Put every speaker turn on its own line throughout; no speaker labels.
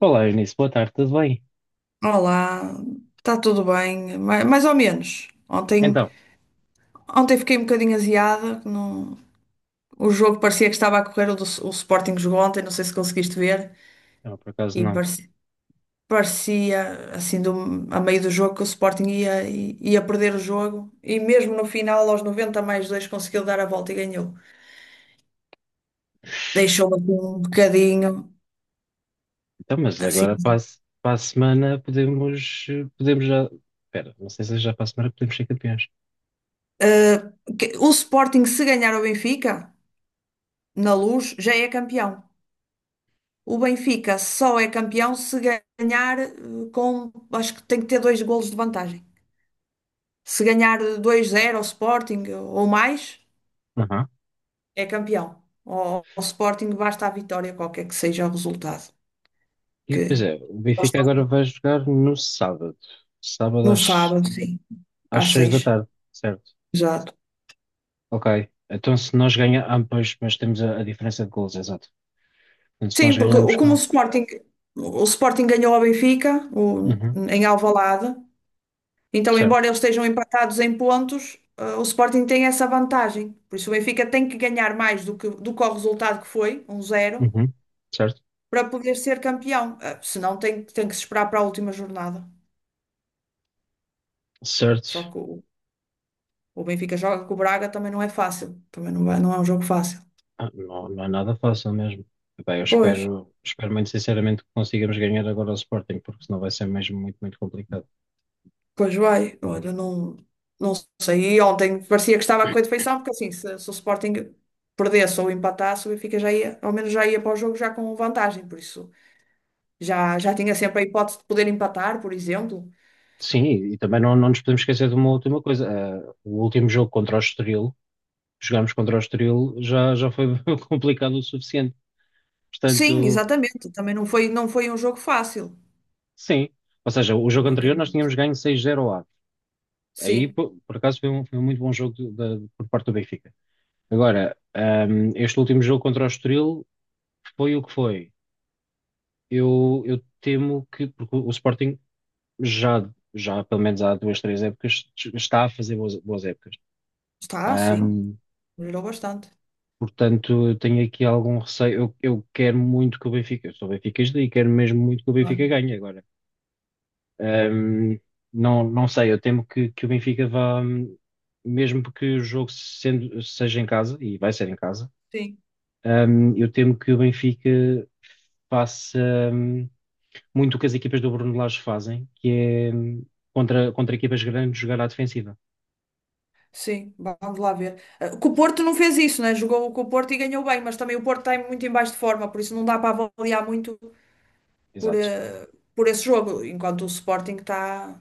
Olá, Eunice, boa tarde, tudo bem?
Olá, está tudo bem, mais ou menos. Ontem,
Então,
ontem fiquei um bocadinho aziada, o jogo parecia que estava a correr, o Sporting jogou ontem, não sei se conseguiste ver,
não, por acaso
e
não.
parecia assim, a meio do jogo, que o Sporting ia perder o jogo, e mesmo no final, aos 90 mais 2 conseguiu dar a volta e ganhou. Deixou-me aqui um bocadinho,
Então, mas agora
assim.
para a, se- para a semana podemos já. Espera, não sei se já para a semana podemos ser campeões.
O Sporting se ganhar o Benfica, na Luz, já é campeão. O Benfica só é campeão se ganhar acho que tem que ter dois golos de vantagem. Se ganhar 2 zero ao Sporting ou mais,
Aham.
é campeão. Ao Sporting basta a vitória, qualquer que seja o resultado.
E
Que
pois é, o
eles
Benfica
estão
agora vai jogar no sábado. Sábado
no
às,
sábado, sim,
às
às
seis da
seis.
tarde, certo?
Exato.
Ok. Então se nós ganharmos, pois, mas temos a diferença de gols, exato. Então se
Sim,
nós
porque
ganharmos
como o
com.
Sporting, o Sporting ganhou ao Benfica,
Uhum.
em Alvalade. Então,
Certo.
embora eles estejam empatados em pontos, o Sporting tem essa vantagem. Por isso, o Benfica tem que ganhar mais do que o resultado que foi, 1-0
Uhum. Certo.
para poder ser campeão. Senão, tem que se esperar para a última jornada. Só
Certo.
que o Benfica joga com o Braga também não é fácil. Também não, não é um jogo fácil.
Ah, não, não é nada fácil mesmo. Bem, eu
Pois,
espero muito sinceramente que consigamos ganhar agora ao Sporting, porque senão vai ser mesmo muito, muito complicado.
pois vai. Olha, não, não sei. E ontem parecia que estava com a correr de feição porque assim, se o Sporting perdesse ou empatasse, o Benfica já ia, ao menos já ia para o jogo já com vantagem. Por isso. Já tinha sempre a hipótese de poder empatar, por exemplo.
Sim, e também não nos podemos esquecer de uma última coisa. Ah, o último jogo contra o Estoril, jogámos contra o Estoril, já foi complicado o suficiente.
Sim,
Portanto,
exatamente. Também não foi um jogo fácil.
sim. Ou seja, o jogo
Também
anterior
ganhou.
nós tínhamos ganho 6-0 ao Aves. Aí,
Sim,
por acaso, foi um muito bom jogo por parte do Benfica. Agora, este último jogo contra o Estoril foi o que foi. Eu temo que, porque o Sporting já pelo menos há duas, três épocas, está a fazer boas, boas épocas.
está, sim.
Ahm,
Melhorou bastante.
portanto, eu tenho aqui algum receio. Eu quero muito que o Benfica, eu sou benfiquista e quero mesmo muito que o Benfica
Claro.
ganhe agora. Ahm, não sei, eu temo que o Benfica vá, mesmo que o jogo seja em casa, e vai ser em casa,
Sim,
eu temo que o Benfica faça muito o que as equipas do Bruno Lage fazem, que é contra equipas grandes jogar à defensiva.
sim. Vamos lá ver. Ah, que o Porto não fez isso, né? Jogou com o Porto e ganhou bem, mas também o Porto está muito em baixo de forma, por isso não dá para avaliar muito por,
Exato.
eh, por esse jogo, enquanto o Sporting está,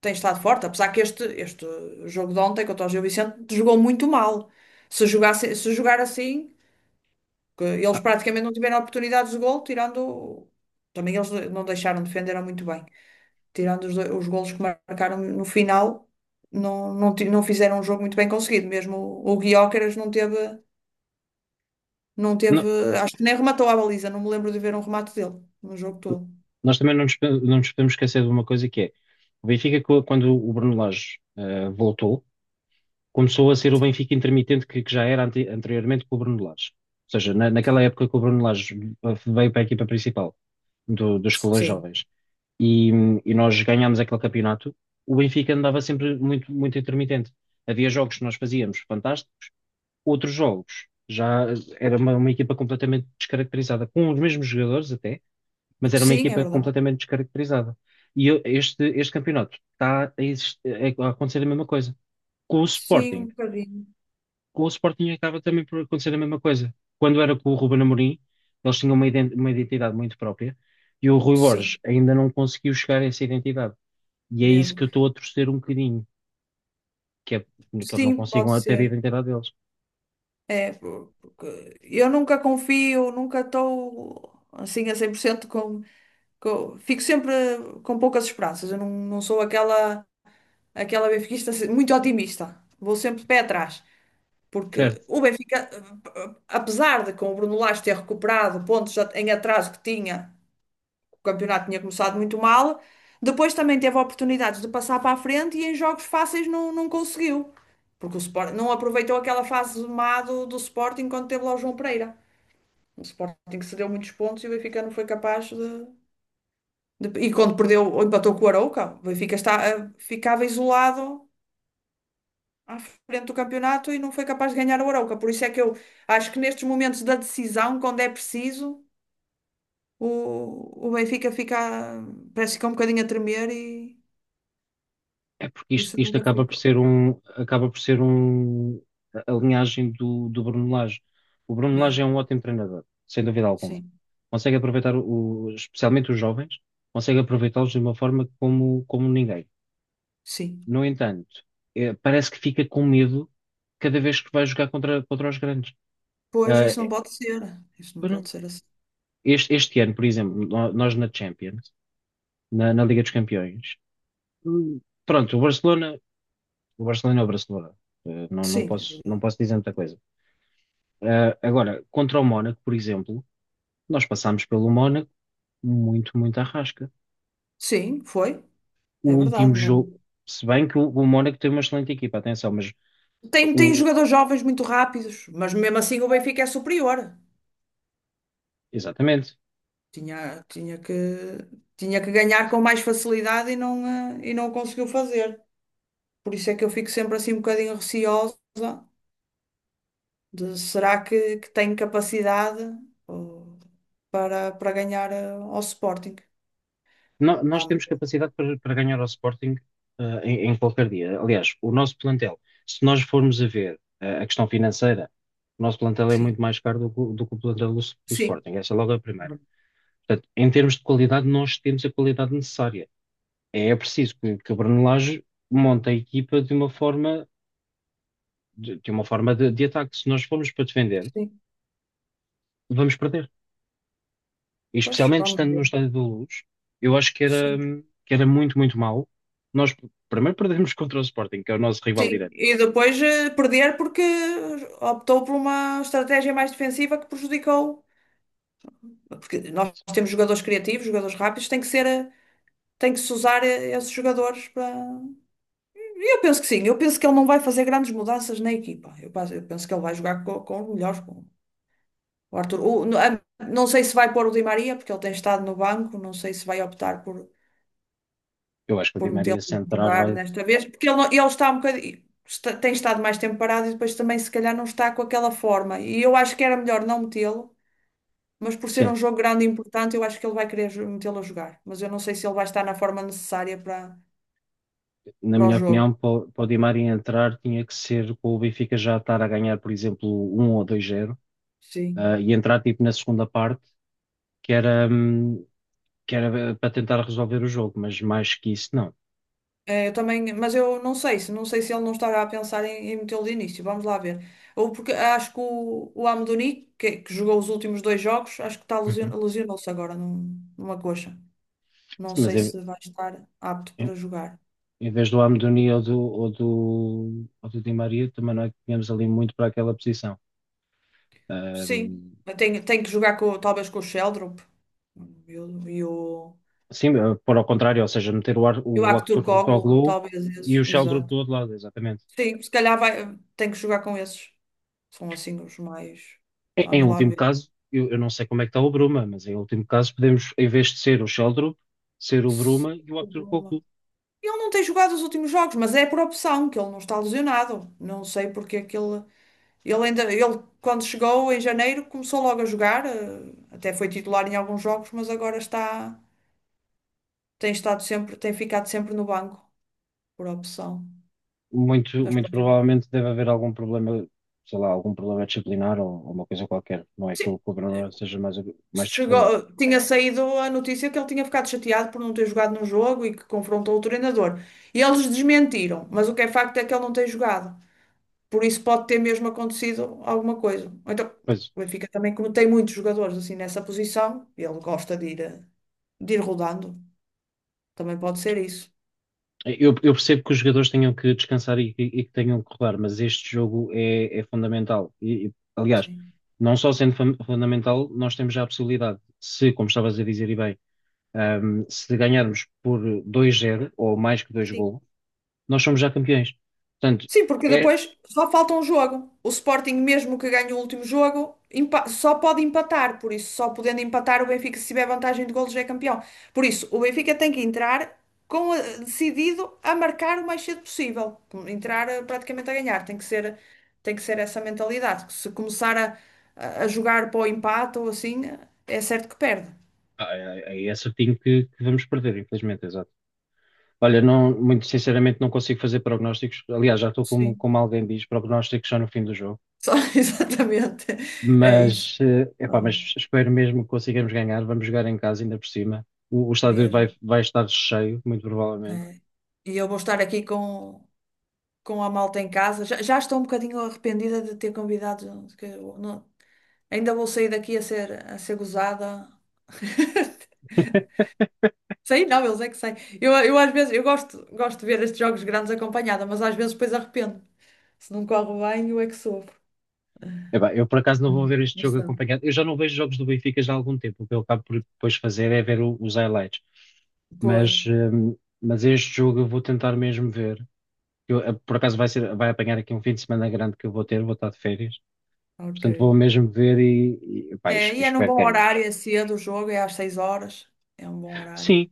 tem estado forte. Apesar que este jogo de ontem contra o Gil Vicente jogou muito mal. Se jogasse, se jogar assim. Que
Ah,
eles praticamente não tiveram oportunidades de gol, tirando. Também eles não deixaram, defenderam muito bem. Tirando os golos que marcaram no final, não não fizeram um jogo muito bem conseguido. Mesmo o Gyökeres não teve, não
não-
teve. Acho que nem rematou a baliza, não me lembro de ver um remate dele no jogo todo.
nós também não nos podemos esquecer de uma coisa que é o Benfica, quando o Bruno Lage voltou, começou a ser o
Sim,
Benfica intermitente que já era anteriormente com o Bruno Lage. Ou seja, naquela
sim.
época que o Bruno Lage veio para a equipa principal dos escalões
Sim,
jovens e nós ganhámos aquele campeonato, o Benfica andava sempre muito, muito intermitente. Havia jogos que nós fazíamos fantásticos, outros jogos. Já era uma equipa completamente descaracterizada, com os mesmos jogadores até, mas era uma
sim, é
equipa
verdade.
completamente descaracterizada. Este campeonato está a acontecer a mesma coisa. Com o
Sim, um
Sporting.
bocadinho.
Com o Sporting acaba também por acontecer a mesma coisa. Quando era com o Ruben Amorim, eles tinham uma identidade muito própria e o Rui Borges
Sim,
ainda não conseguiu chegar a essa identidade. E é isso
mesmo.
que eu estou a torcer um bocadinho, que é que eles não
Sim, pode
consigam ter a
ser.
identidade deles.
É, porque eu nunca confio, nunca estou assim a 100% que eu fico sempre com poucas esperanças. Eu não sou aquela benfiquista assim, muito otimista. Vou sempre de pé atrás. Porque
Certo?
o Benfica, apesar de com o Bruno Lage ter recuperado pontos em atraso que tinha, o campeonato tinha começado muito mal, depois também teve oportunidades de passar para a frente e em jogos fáceis não conseguiu. Porque o Sporting não aproveitou aquela fase má do Sporting quando teve lá o João Pereira. O Sporting que cedeu muitos pontos e o Benfica não foi capaz de. E quando perdeu, ou empatou com o Arouca, o Benfica está, ficava isolado à frente do campeonato e não foi capaz de ganhar o Arouca. Por isso é que eu acho que nestes momentos da decisão, quando é preciso, o Benfica parece que fica um bocadinho a tremer e
É porque
por
isto,
isso
isto
nunca
acaba por
ficou.
ser um, acaba por ser um, a linhagem do Bruno Lage. O Bruno
Né?
Lage é um ótimo treinador, sem dúvida alguma.
Sim,
Consegue aproveitar, especialmente os jovens, consegue aproveitá-los de uma forma como ninguém.
sim.
No entanto, parece que fica com medo cada vez que vai jogar contra os grandes.
Pois
Ah,
isso não pode ser. Isso não
pois
pode
não.
ser assim.
Este ano, por exemplo, nós na Champions, na Liga dos Campeões, hum, pronto, o Barcelona. O Barcelona é o Barcelona. Não, não
Sim, é
posso, não
verdade.
posso dizer muita coisa. Agora, contra o Mónaco, por exemplo, nós passámos pelo Mónaco muito, muito à rasca.
Sim, foi.
O
É
último
verdade. Não.
jogo, se bem que o Mónaco tem uma excelente equipa, atenção, mas
Tem
o,
jogadores jovens muito rápidos, mas mesmo assim o Benfica é superior.
exatamente.
Tinha, tinha que, tinha que ganhar com mais facilidade e não o conseguiu fazer. Por isso é que eu fico sempre assim um bocadinho receosa de será que tem capacidade, oh, para ganhar ao Sporting?
Nós
Vamos,
temos capacidade para ganhar ao Sporting, em qualquer dia. Aliás, o nosso plantel, se nós formos a ver, a questão financeira, o nosso plantel é
sim.
muito mais caro do que o plantel do
Sim.
Sporting. Essa é logo a primeira. Portanto, em termos de qualidade, nós temos a qualidade necessária. É preciso que a Brunelage monte a equipa de uma forma de, de ataque. Se nós formos para defender,
Sim,
vamos perder. E
pois,
especialmente
vamos
estando no
ver.
estádio da Luz, eu acho que era,
Sim.
que era muito, muito mau. Nós primeiro perdemos contra o Sporting, que é o nosso rival
Sim,
direto.
e depois perder porque optou por uma estratégia mais defensiva que prejudicou. Porque nós temos jogadores criativos, jogadores rápidos, tem que ser. Tem que se usar esses jogadores para. E eu penso que sim, Eu penso, que ele não vai fazer grandes mudanças na equipa. eu penso que ele vai jogar com os melhores, com o Arthur. Não sei se vai pôr o Di Maria, porque ele tem estado no banco, não sei se vai optar por,
Eu acho que o Di
por metê-lo
Maria se
a
entrar
jogar
vai.
nesta vez, porque ele, não- ele está um bocadinho. Tem estado mais tempo parado e depois também, se calhar, não está com aquela forma. E eu acho que era melhor não metê-lo, mas por ser um
Sim,
jogo grande e importante, eu acho que ele vai querer metê-lo a jogar. Mas eu não sei se ele vai estar na forma necessária para,
na
para o
minha
jogo.
opinião, para o Di Maria entrar tinha que ser com o Benfica já estar a ganhar, por exemplo, um ou dois zero
Sim.
e entrar tipo na segunda parte, que era, hum, que era para tentar resolver o jogo, mas mais que isso, não.
É, eu também, mas eu não sei se ele não estará a pensar em metê-lo de início. Vamos lá ver. Ou porque acho que o Amdouni, que jogou os últimos dois jogos, acho que está
Uhum.
lesionou-se agora numa coxa. Não
Sim, mas
sei se vai estar apto
em-
para jogar.
em vez do Amdoni ou do Di Maria, também não é que tínhamos ali muito para aquela posição.
Sim,
Ahm,
tem que jogar com, talvez com o Sheldrup e o, e o,
sim, pôr ao contrário, ou seja, meter o, Ar-
e o
o Arthur
Aktürkoğlu,
Toglu
talvez esses,
e o Sheldrup
exato.
do outro lado, exatamente.
Sim, se calhar vai, tem que jogar com esses. São assim os mais.
Em
Vamos lá
último
ver.
caso, eu não sei como é que está o Bruma, mas em último caso podemos, em vez de ser o Sheldrup, ser o Bruma e o Arthur Toglu.
Ele não tem jogado os últimos jogos, mas é por opção que ele não está lesionado. Não sei porque é que ele quando chegou em janeiro começou logo a jogar, até foi titular em alguns jogos, mas agora está, tem estado sempre, tem ficado sempre no banco por opção.
Muito,
Mas
muito
pronto.
provavelmente deve haver algum problema, sei lá, algum problema disciplinar ou uma coisa qualquer. Não é que
Sim,
o
eh,
cobrador seja mais disciplinado.
chegou, tinha saído a notícia que ele tinha ficado chateado por não ter jogado no jogo e que confrontou o treinador. E eles desmentiram, mas o que é facto é que ele não tem jogado. Por isso pode ter mesmo acontecido alguma coisa. Ou então,
Pois,
o Benfica também, como tem muitos jogadores assim nessa posição, ele gosta de ir, de ir rodando. Também pode ser isso.
eu percebo que os jogadores tenham que descansar e que tenham que rodar, mas este jogo é fundamental. E, aliás,
Sim.
não só sendo fundamental, nós temos já a possibilidade, se, como estavas a dizer e bem, se ganharmos por dois 0 ou mais que dois golos, nós somos já campeões. Portanto,
Sim, porque
é,
depois só falta um jogo. O Sporting, mesmo que ganhe o último jogo, só pode empatar. Por isso, só podendo empatar, o Benfica, se tiver vantagem de golos, já é campeão. Por isso, o Benfica tem que entrar decidido a marcar o mais cedo possível. Entrar praticamente a ganhar. Tem que ser essa mentalidade. Se começar a, a jogar para o empate ou assim, é certo que perde.
é certinho que vamos perder, infelizmente, exato. Olha, não, muito sinceramente não consigo fazer prognósticos. Aliás, já estou como,
Sim,
como alguém diz, prognósticos só no fim do jogo.
só, exatamente. É isso.
Mas, eh, epá,
Ai,
mas espero mesmo que consigamos ganhar. Vamos jogar em casa ainda por cima. O estádio vai,
mesmo.
vai estar cheio, muito provavelmente.
É. E eu vou estar aqui Com. A malta em casa. Já estou um bocadinho arrependida de ter convidado. Que eu não- Ainda vou sair daqui a ser gozada. Sei, não, eles é que sei. Eu às vezes eu gosto de ver estes jogos grandes acompanhada, mas às vezes depois arrependo. Se não corre bem, eu é que sofro.
Epá, eu por acaso não vou
Uhum.
ver este
Mas
jogo
são.
acompanhado. Eu já não vejo jogos do Benfica já há algum tempo. O que eu acabo por depois fazer é ver os highlights.
Pois,
Mas, eh, mas este jogo eu vou tentar mesmo ver. Por acaso vai apanhar aqui um fim de semana grande que eu vou estar de férias.
ok.
Portanto, vou mesmo ver e pá,
É,
e
e é num
espero
bom
que ganhemos.
horário, é cedo o jogo, é às 6 horas. É um bom horário.
Sim,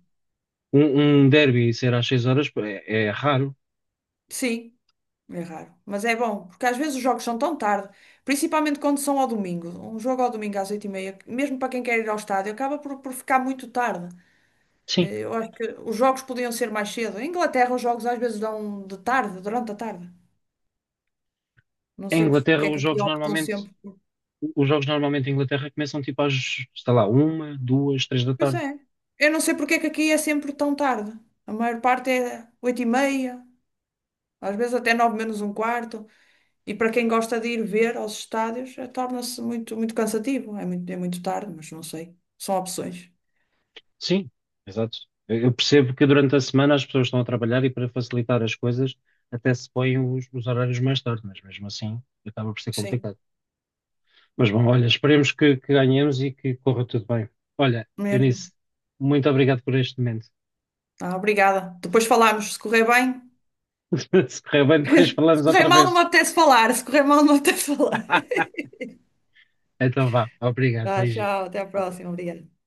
um derby ser às 6 horas é raro.
Sim. É raro. Mas é bom, porque às vezes os jogos são tão tarde, principalmente quando são ao domingo. Um jogo ao domingo às oito e meia, mesmo para quem quer ir ao estádio, acaba por ficar muito tarde.
Sim,
Eu acho que os jogos podiam ser mais cedo. Em Inglaterra, os jogos às vezes dão de tarde, durante a tarde. Não
em
sei
Inglaterra
porque é que
os
aqui
jogos
optam
normalmente,
sempre.
os jogos normalmente em Inglaterra começam tipo às, sei lá, uma, duas, três da
Pois
tarde.
é. Eu não sei porque é que aqui é sempre tão tarde. A maior parte é oito e meia, às vezes até 9 menos um quarto. E para quem gosta de ir ver aos estádios, torna-se muito, muito cansativo. É muito tarde, mas não sei. São opções.
Sim, exato. Eu percebo que durante a semana as pessoas estão a trabalhar e para facilitar as coisas até se põem os horários mais tarde, mas mesmo assim acaba por ser
Sim,
complicado. Mas bom, olha, esperemos que ganhemos e que corra tudo bem. Olha,
mesmo.
Eunice, muito obrigado por este momento.
Ah, obrigada. Depois falamos, se correr bem.
Se correr bem, depois
Se
falamos
correr
outra
mal, não me
vez.
apetece falar. Se correr mal, não me apetece falar.
Então vá. Obrigado.
Tá,
Beijinhos.
tchau, até à próxima.
Obrigado.
Obrigada.